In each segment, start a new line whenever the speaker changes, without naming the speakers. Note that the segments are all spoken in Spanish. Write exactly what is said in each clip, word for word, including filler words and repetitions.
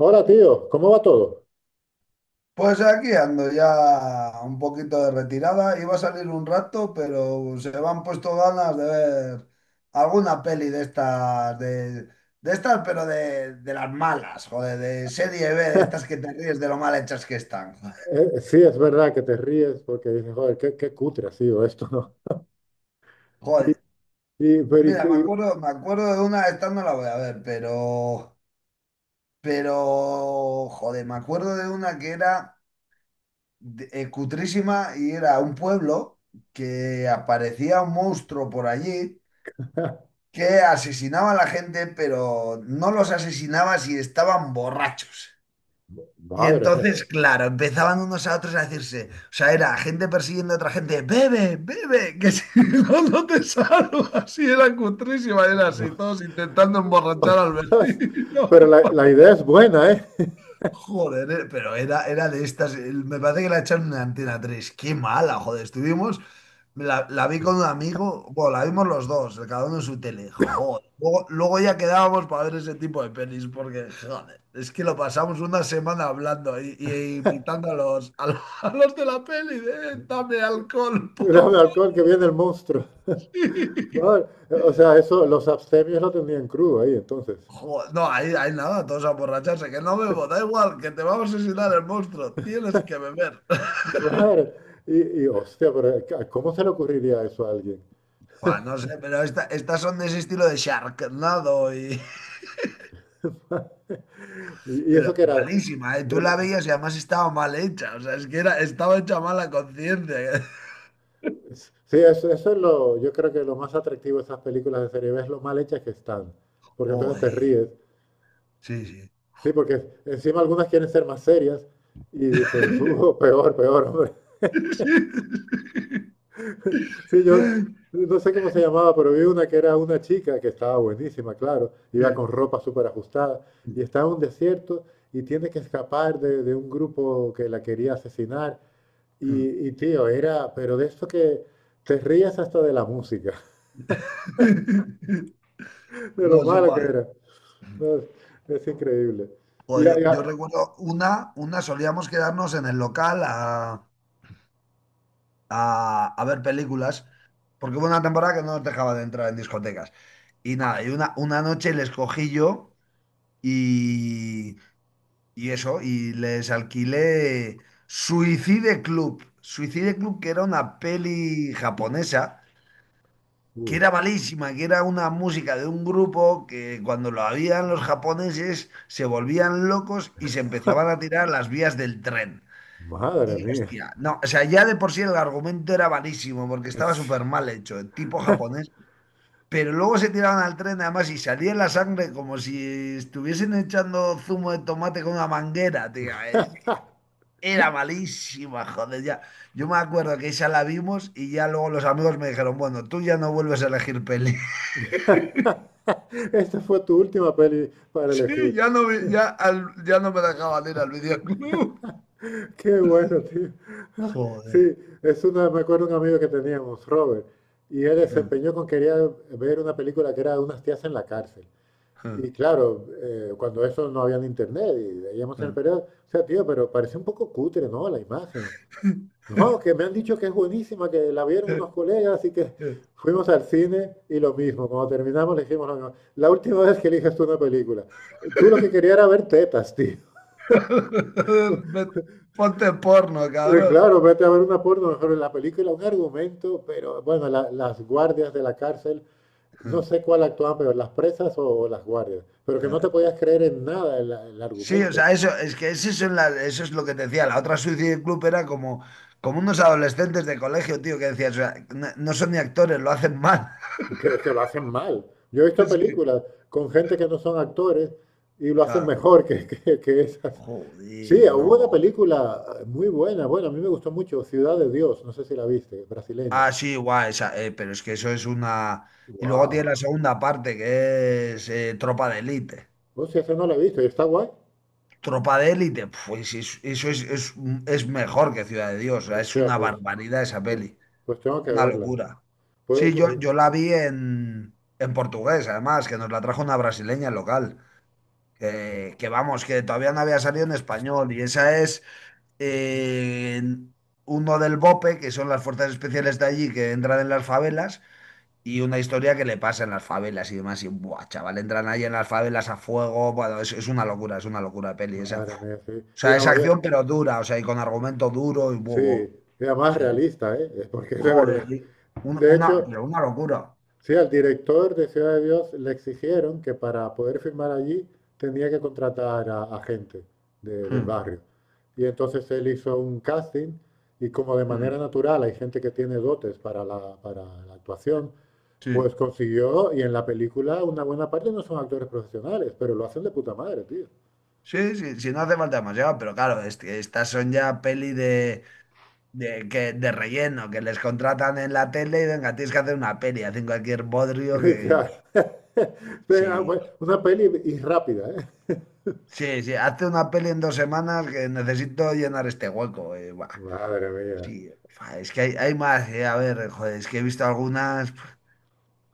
Hola, tío, ¿cómo va todo?
Pues aquí ando ya un poquito de retirada. Iba a salir un rato, pero se me han puesto ganas de ver alguna peli de estas, de, de estas, pero de, de las malas, joder, de serie B, de estas que te ríes de lo mal hechas que están.
Eh, sí, es verdad que te ríes porque dices, joder, qué, qué cutre ha sido esto, ¿no? Y,
Joder,
y- pero y-
mira, me
y-
acuerdo, me acuerdo de una, esta no la voy a ver, pero, pero, joder, me acuerdo de una que era de- eh, cutrísima y era un pueblo que aparecía un monstruo por allí que asesinaba a la gente, pero no los asesinaba si estaban borrachos. Y
Madre mía.
entonces, claro, empezaban unos a otros a decirse, o sea, era gente persiguiendo a otra gente, bebe, bebe, que si no, no te salvo. Así era cutrísima, era así, todos intentando emborrachar al vecino.
Pero la, la idea es buena, ¿eh?
Joder, eh, pero era, era de estas, eh, me parece que la echaron en Antena tres, qué mala, joder, estuvimos la, la vi con un amigo, bueno, la vimos los dos, cada uno en su tele. Joder. Luego, luego ya quedábamos para ver ese tipo de pelis, porque, joder, es que lo pasamos una semana hablando y, y invitando a los, a los, a los de la peli, de, "Eh, dame alcohol, por favor.
Dame alcohol que viene el monstruo. Madre, o sea, eso, los abstemios lo tenían crudo ahí, entonces.
Joder, no, ahí, ahí nada, todos a borracharse, que no bebo, da igual, que te va a asesinar el monstruo, tienes que beber.
Madre, y, y, hostia, pero ¿cómo se le ocurriría eso a alguien?
Buah, no sé, pero esta- estas son de ese estilo de Sharknado y,
¿Y eso
pero
que era?
malísima, ¿eh? Tú la veías y además estaba mal hecha. O sea, es que era, estaba hecha mal la conciencia.
Sí, eso, eso es lo, yo creo que lo más atractivo de esas películas de serie B es lo mal hechas que están, porque entonces te
Joder.
ríes.
Sí, sí.
Sí, porque encima algunas quieren ser más serias y dicen, "Uh, peor, peor, hombre. Sí, yo no sé cómo se llamaba, pero vi una que era una chica que estaba buenísima, claro, iba
Sí.
con ropa súper ajustada y estaba en un desierto y tiene que escapar de, de un grupo que la quería asesinar. Y, y tío, era, pero de eso que te rías hasta de la música, de lo
No, es
malo que
igual.
era. No, es, es increíble.
Joder,
Ya,
yo, yo
ya.
recuerdo una, una solíamos quedarnos en el local a, a- a ver películas, porque hubo una temporada que no nos dejaba de entrar en discotecas. Y nada, y una, una noche les cogí yo y, Y eso, y les alquilé Suicide Club. Suicide Club, que era una peli japonesa, que
Uy,
era malísima, que era una música de un grupo que cuando lo habían los japoneses se volvían locos y se empezaban a tirar a las vías del tren.
madre
Y
mía.
hostia, no, o sea, ya de por sí el argumento era malísimo porque estaba
Es-
súper mal hecho, el tipo japonés. Pero luego se tiraban al tren además y salía la sangre como si estuviesen echando zumo de tomate con una manguera, tío. Era malísima, joder, ya. Yo me acuerdo que esa la vimos y ya luego los amigos me dijeron, bueno, tú ya no vuelves a elegir peli.
Esta fue tu última peli para
Sí,
elegir.
ya no, vi- ya, al- ya no me dejaban ir al videoclub.
Qué bueno, tío.
Joder.
Sí, es una, me acuerdo de un amigo que teníamos, Robert, y él desempeñó con quería ver una película que era de unas tías en la cárcel. Y claro, eh, cuando eso no había en internet y veíamos en el periódico, o sea, tío, pero parecía un poco cutre, ¿no? La imagen. No, que me han dicho que es buenísima, que la vieron unos colegas y que fuimos al cine y lo mismo. Cuando terminamos le dijimos lo mismo. La última vez que eliges tú una película, tú lo que querías era ver tetas, tío.
Ve- Ponte porno,
Eh,
cabrón.
Claro, vete a ver una porno, mejor en la película, un argumento, pero bueno, la- las guardias de la cárcel, no sé cuál actuaban peor, las presas o, o las guardias, pero que no te podías creer en nada el, el
Sí, o
argumento,
sea, eso es que eso son las- eso es lo que te decía. La otra Suicide Club era como, como unos adolescentes de colegio, tío, que decías, o sea, no, no son ni actores, lo hacen mal.
que, que lo hacen mal. Yo he visto
Es que,
películas con gente que no son actores y lo hacen
claro,
mejor que, que, que esas. Sí,
joder, no
hubo una
va.
película eh, muy buena, bueno, a mí me gustó mucho, Ciudad de Dios, no sé si la viste, brasileña.
Ah, sí, guay, esa, eh, pero es que eso es una... Y luego tiene
Wow.
la segunda parte, que es eh, Tropa de Élite.
Hostia, esa no la he visto, ¿y está guay?
Tropa de Élite, pues es- eso es, es, es mejor que Ciudad de Dios, o sea, es
Hostia,
una
pues,
barbaridad esa
pues,
peli,
pues tengo que
una
verla.
locura.
Pues,
Sí, yo,
pues,
yo la vi en, en portugués, además, que nos la trajo una brasileña local, que, que vamos, que todavía no había salido en español, y esa es... eh, uno del B O P E, que son las fuerzas especiales de allí que entran en las favelas, y una historia que le pasa en las favelas y demás. Y, buah, chaval, entran ahí en las favelas a fuego. Bueno, es, es una locura, es una locura de peli esa. Uf.
madre
O
mía, sí. Y
sea,
la
es
movida,
acción pero dura, o sea, y con argumento duro y
sí,
bobo.
era más
Sí.
realista, ¿eh? Porque es de verdad.
Joder, y un-
De
una,
hecho,
pero una locura.
sí, al director de Ciudad de Dios le exigieron que para poder filmar allí tenía que contratar a, a gente de- del
Mm,
barrio. Y entonces él hizo un casting y como de manera
mm,
natural hay gente que tiene dotes para la, para la actuación, pues
Sí.
consiguió y en la película una buena parte no son actores profesionales, pero lo hacen de puta madre, tío.
Sí, sí, sí, no hace falta demasiado, pero claro, este- estas son ya peli de, De, que, de relleno, que les contratan en la tele y venga, tienes que hacer una peli, hacen cualquier bodrio que...
Claro. Venga,
Sí,
bueno, una peli y rápida, ¿eh?
sí, sí, hace una peli en dos semanas que necesito llenar este hueco. Eh, buah,
Madre mía.
sí, fa, es que hay, hay más, eh, a ver, joder, es que he visto algunas... pf,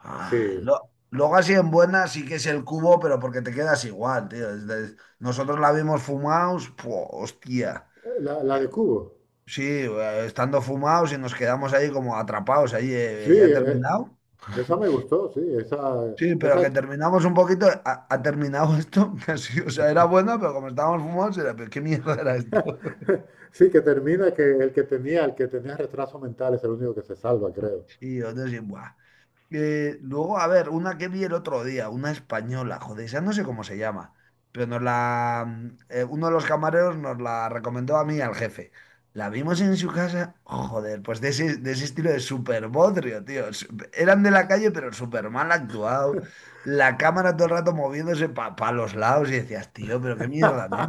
ah,
Sí.
lo- luego así en buenas sí que es el cubo, pero porque te quedas igual, tío. Es de- nosotros la vimos fumados, puh, hostia.
La, la de Cubo.
Sí, eh, estando fumados y nos quedamos ahí como atrapados, ahí
Sí,
eh, ya he
eh,
terminado.
esa me gustó, sí, esa,
Sí, pero
esa
que terminamos un poquito, ha, ha terminado esto, que sí, o sea, era bueno, pero como estábamos fumados, era, pero ¿qué mierda era esto?
sí que termina que el que tenía, el que tenía retraso mental es el único que se salva, creo.
Y yo, entonces, buah. Eh, luego, a ver, una que vi el otro día, una española, joder, esa no sé cómo se llama, pero nos la, eh, uno de los camareros nos la recomendó a mí y al jefe. La vimos en su casa, joder, pues de ese, de ese estilo de super bodrio, tío. Su- Eran de la calle, pero super mal actuado. La cámara todo el rato moviéndose para los lados y decías, tío, pero qué mierda, ¿eh?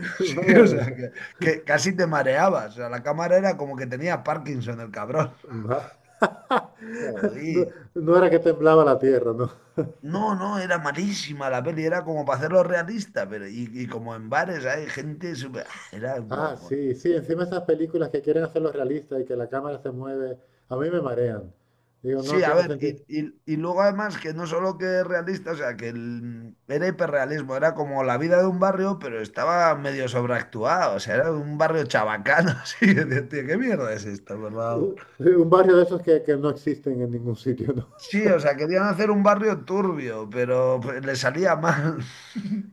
Sí,
Madre
o sea,
mía.
que, que casi te mareabas. O sea, la cámara era como que tenía Parkinson el cabrón.
Ma- No,
Joder.
no era que temblaba la tierra, ¿no?
No, no, era malísima la peli, era como para hacerlo realista, pero y, y como en bares hay gente súper... ah, era
Ah,
bueno, bueno.
sí, sí, encima esas películas que quieren hacerlo realista y que la cámara se mueve, a mí me marean. Digo, no
Sí, a
tiene
ver,
sentido.
y, y- y luego además que no solo que es realista, o sea, que el- era hiperrealismo, era como la vida de un barrio, pero estaba medio sobreactuado, o sea, era un barrio chabacano, así, que decía, ¿qué mierda es esto, por
Un,
favor?
sí, un barrio de esos que, que no existen en ningún sitio, ¿no?
Sí, o sea, querían hacer un barrio turbio, pero pues, le salía mal.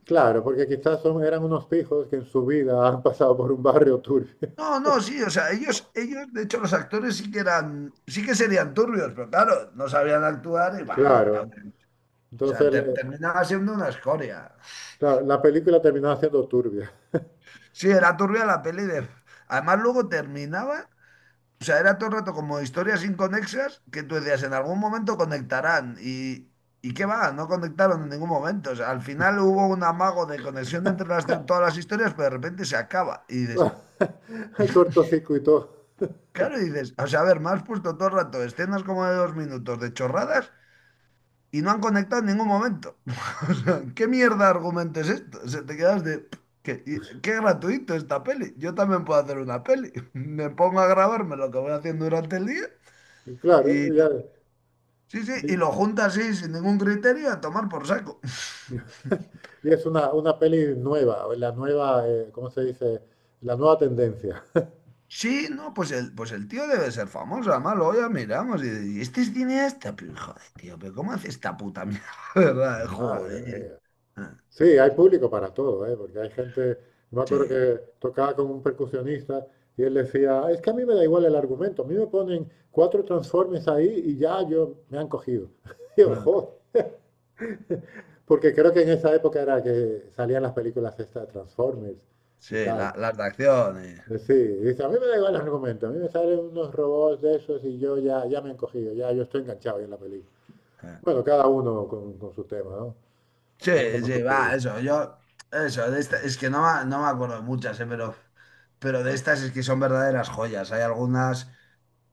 Claro, porque quizás son, eran unos pijos que en su vida han pasado por un barrio turbio.
No, no, sí, o sea, ellos, ellos, de hecho, los actores sí que eran, sí que serían turbios, pero claro, no sabían actuar y bah, era
Claro.
un- o sea,
Entonces,
te-
le-
terminaba siendo una escoria.
claro, la película terminaba siendo turbia.
Sí, era turbia la peli de... Además, luego terminaba, o sea, era todo el rato como historias inconexas que tú decías, en algún momento conectarán y... ¿Y qué va? No conectaron en ningún momento. O sea, al final hubo un amago de conexión entre las, todas las historias, pero de repente se acaba. Y dices,
Cortocircuitó.
claro, y dices, o sea, a ver, me has puesto todo el rato escenas como de dos minutos de chorradas y no han conectado en ningún momento. O sea, ¿qué mierda de argumento es esto? O sea, te quedas de, "Pff, qué, y- qué gratuito esta peli. Yo también puedo hacer una peli. Me pongo a grabarme lo que voy haciendo durante el día
Y claro,
y
ya.
lo- sí, sí, y
Y,
lo junto así sin ningún criterio a tomar por saco.
y es una, una peli nueva, o la nueva, eh, ¿cómo se dice? La nueva tendencia.
Sí, no, pues el, pues el tío debe ser famoso, además luego ya miramos y, y este es cineasta, pero joder, tío, pero ¿cómo hace esta puta mierda? ¿Verdad?
Madre
Joder.
mía.
Ah.
Sí, hay público para todo, ¿eh? Porque hay gente, me acuerdo
Sí,
que tocaba con un percusionista y él decía, es que a mí me da igual el argumento, a mí me ponen cuatro transformes ahí y ya yo me han cogido. Y yo, "Jo, porque creo que en esa época era que salían las películas estas de Transformers y
sí,
tal.
la- las de acciones.
Eh, Sí, dice, a mí me da igual el argumento, a mí me salen unos robots de esos y yo ya, ya me he encogido, ya yo estoy enganchado ahí en la película. Bueno, cada uno con, con su tema, ¿no? Cada uno
Sí,
con su
sí, va,
público.
eso, yo, eso, de esta- es que no, me- no me acuerdo de muchas, eh, pero, pero de estas es que son verdaderas joyas. Hay algunas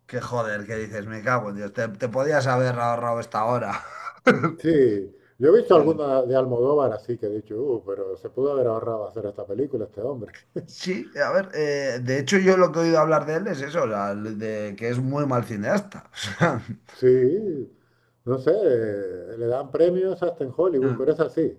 que, joder, que dices, me cago en Dios, te, te podías haber ahorrado esta hora.
Sí, yo he visto
Sí.
alguna de Almodóvar así que he dicho, uh, pero se pudo haber ahorrado hacer esta película este hombre.
Sí, a ver, eh, de hecho yo lo que he oído hablar de él es eso, o sea, de que es muy mal cineasta.
Sí, no sé, eh, le dan premios hasta en
O
Hollywood,
sea,
pero es así.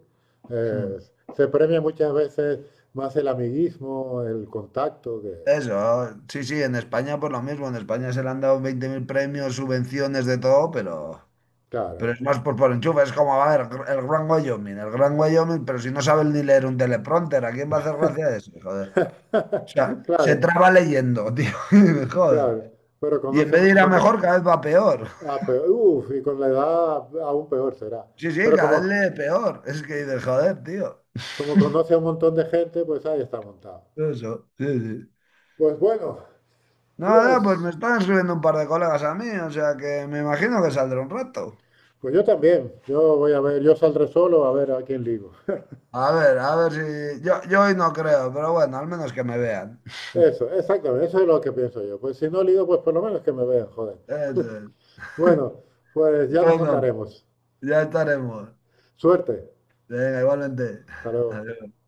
Eh,
mm.
Se premia muchas veces más el amiguismo, el contacto, que,
Eso, sí, sí, en España por lo mismo, en España se le han dado veinte mil premios, subvenciones de todo, pero, pero
claro,
es más por, por enchufe, es como, a ver, el Gran Wyoming, el Gran Wyoming, pero si no saben ni leer un teleprompter, ¿a quién va a hacer gracia eso? Joder. O sea, se
claro,
traba leyendo, tío, joder.
claro, pero
Y en
conoce un
vez de ir a
montón de...
mejor, cada vez va peor.
Ah, pero, uf, y con la edad aún peor será.
Sí, sí,
Pero
cada vez
como,
lee peor. Es que dices, joder, tío.
como conoce a un montón de gente, pues ahí está montado.
Eso, sí, sí.
Pues bueno,
Nada, pues me
pues,
están escribiendo un par de colegas a mí, o sea que me imagino que saldrá un rato.
pues yo también, yo voy a ver, yo saldré solo a ver a quién ligo.
A ver, a ver si. Yo, yo hoy no creo, pero bueno, al menos que me vean.
Eso, exactamente, eso es lo que pienso yo. Pues si no ligo, pues por lo menos que me vean, joder.
Eso es.
Bueno, pues ya nos
Bueno,
contaremos.
ya estaremos.
Suerte,
Venga, igualmente.
hasta luego.
Adiós.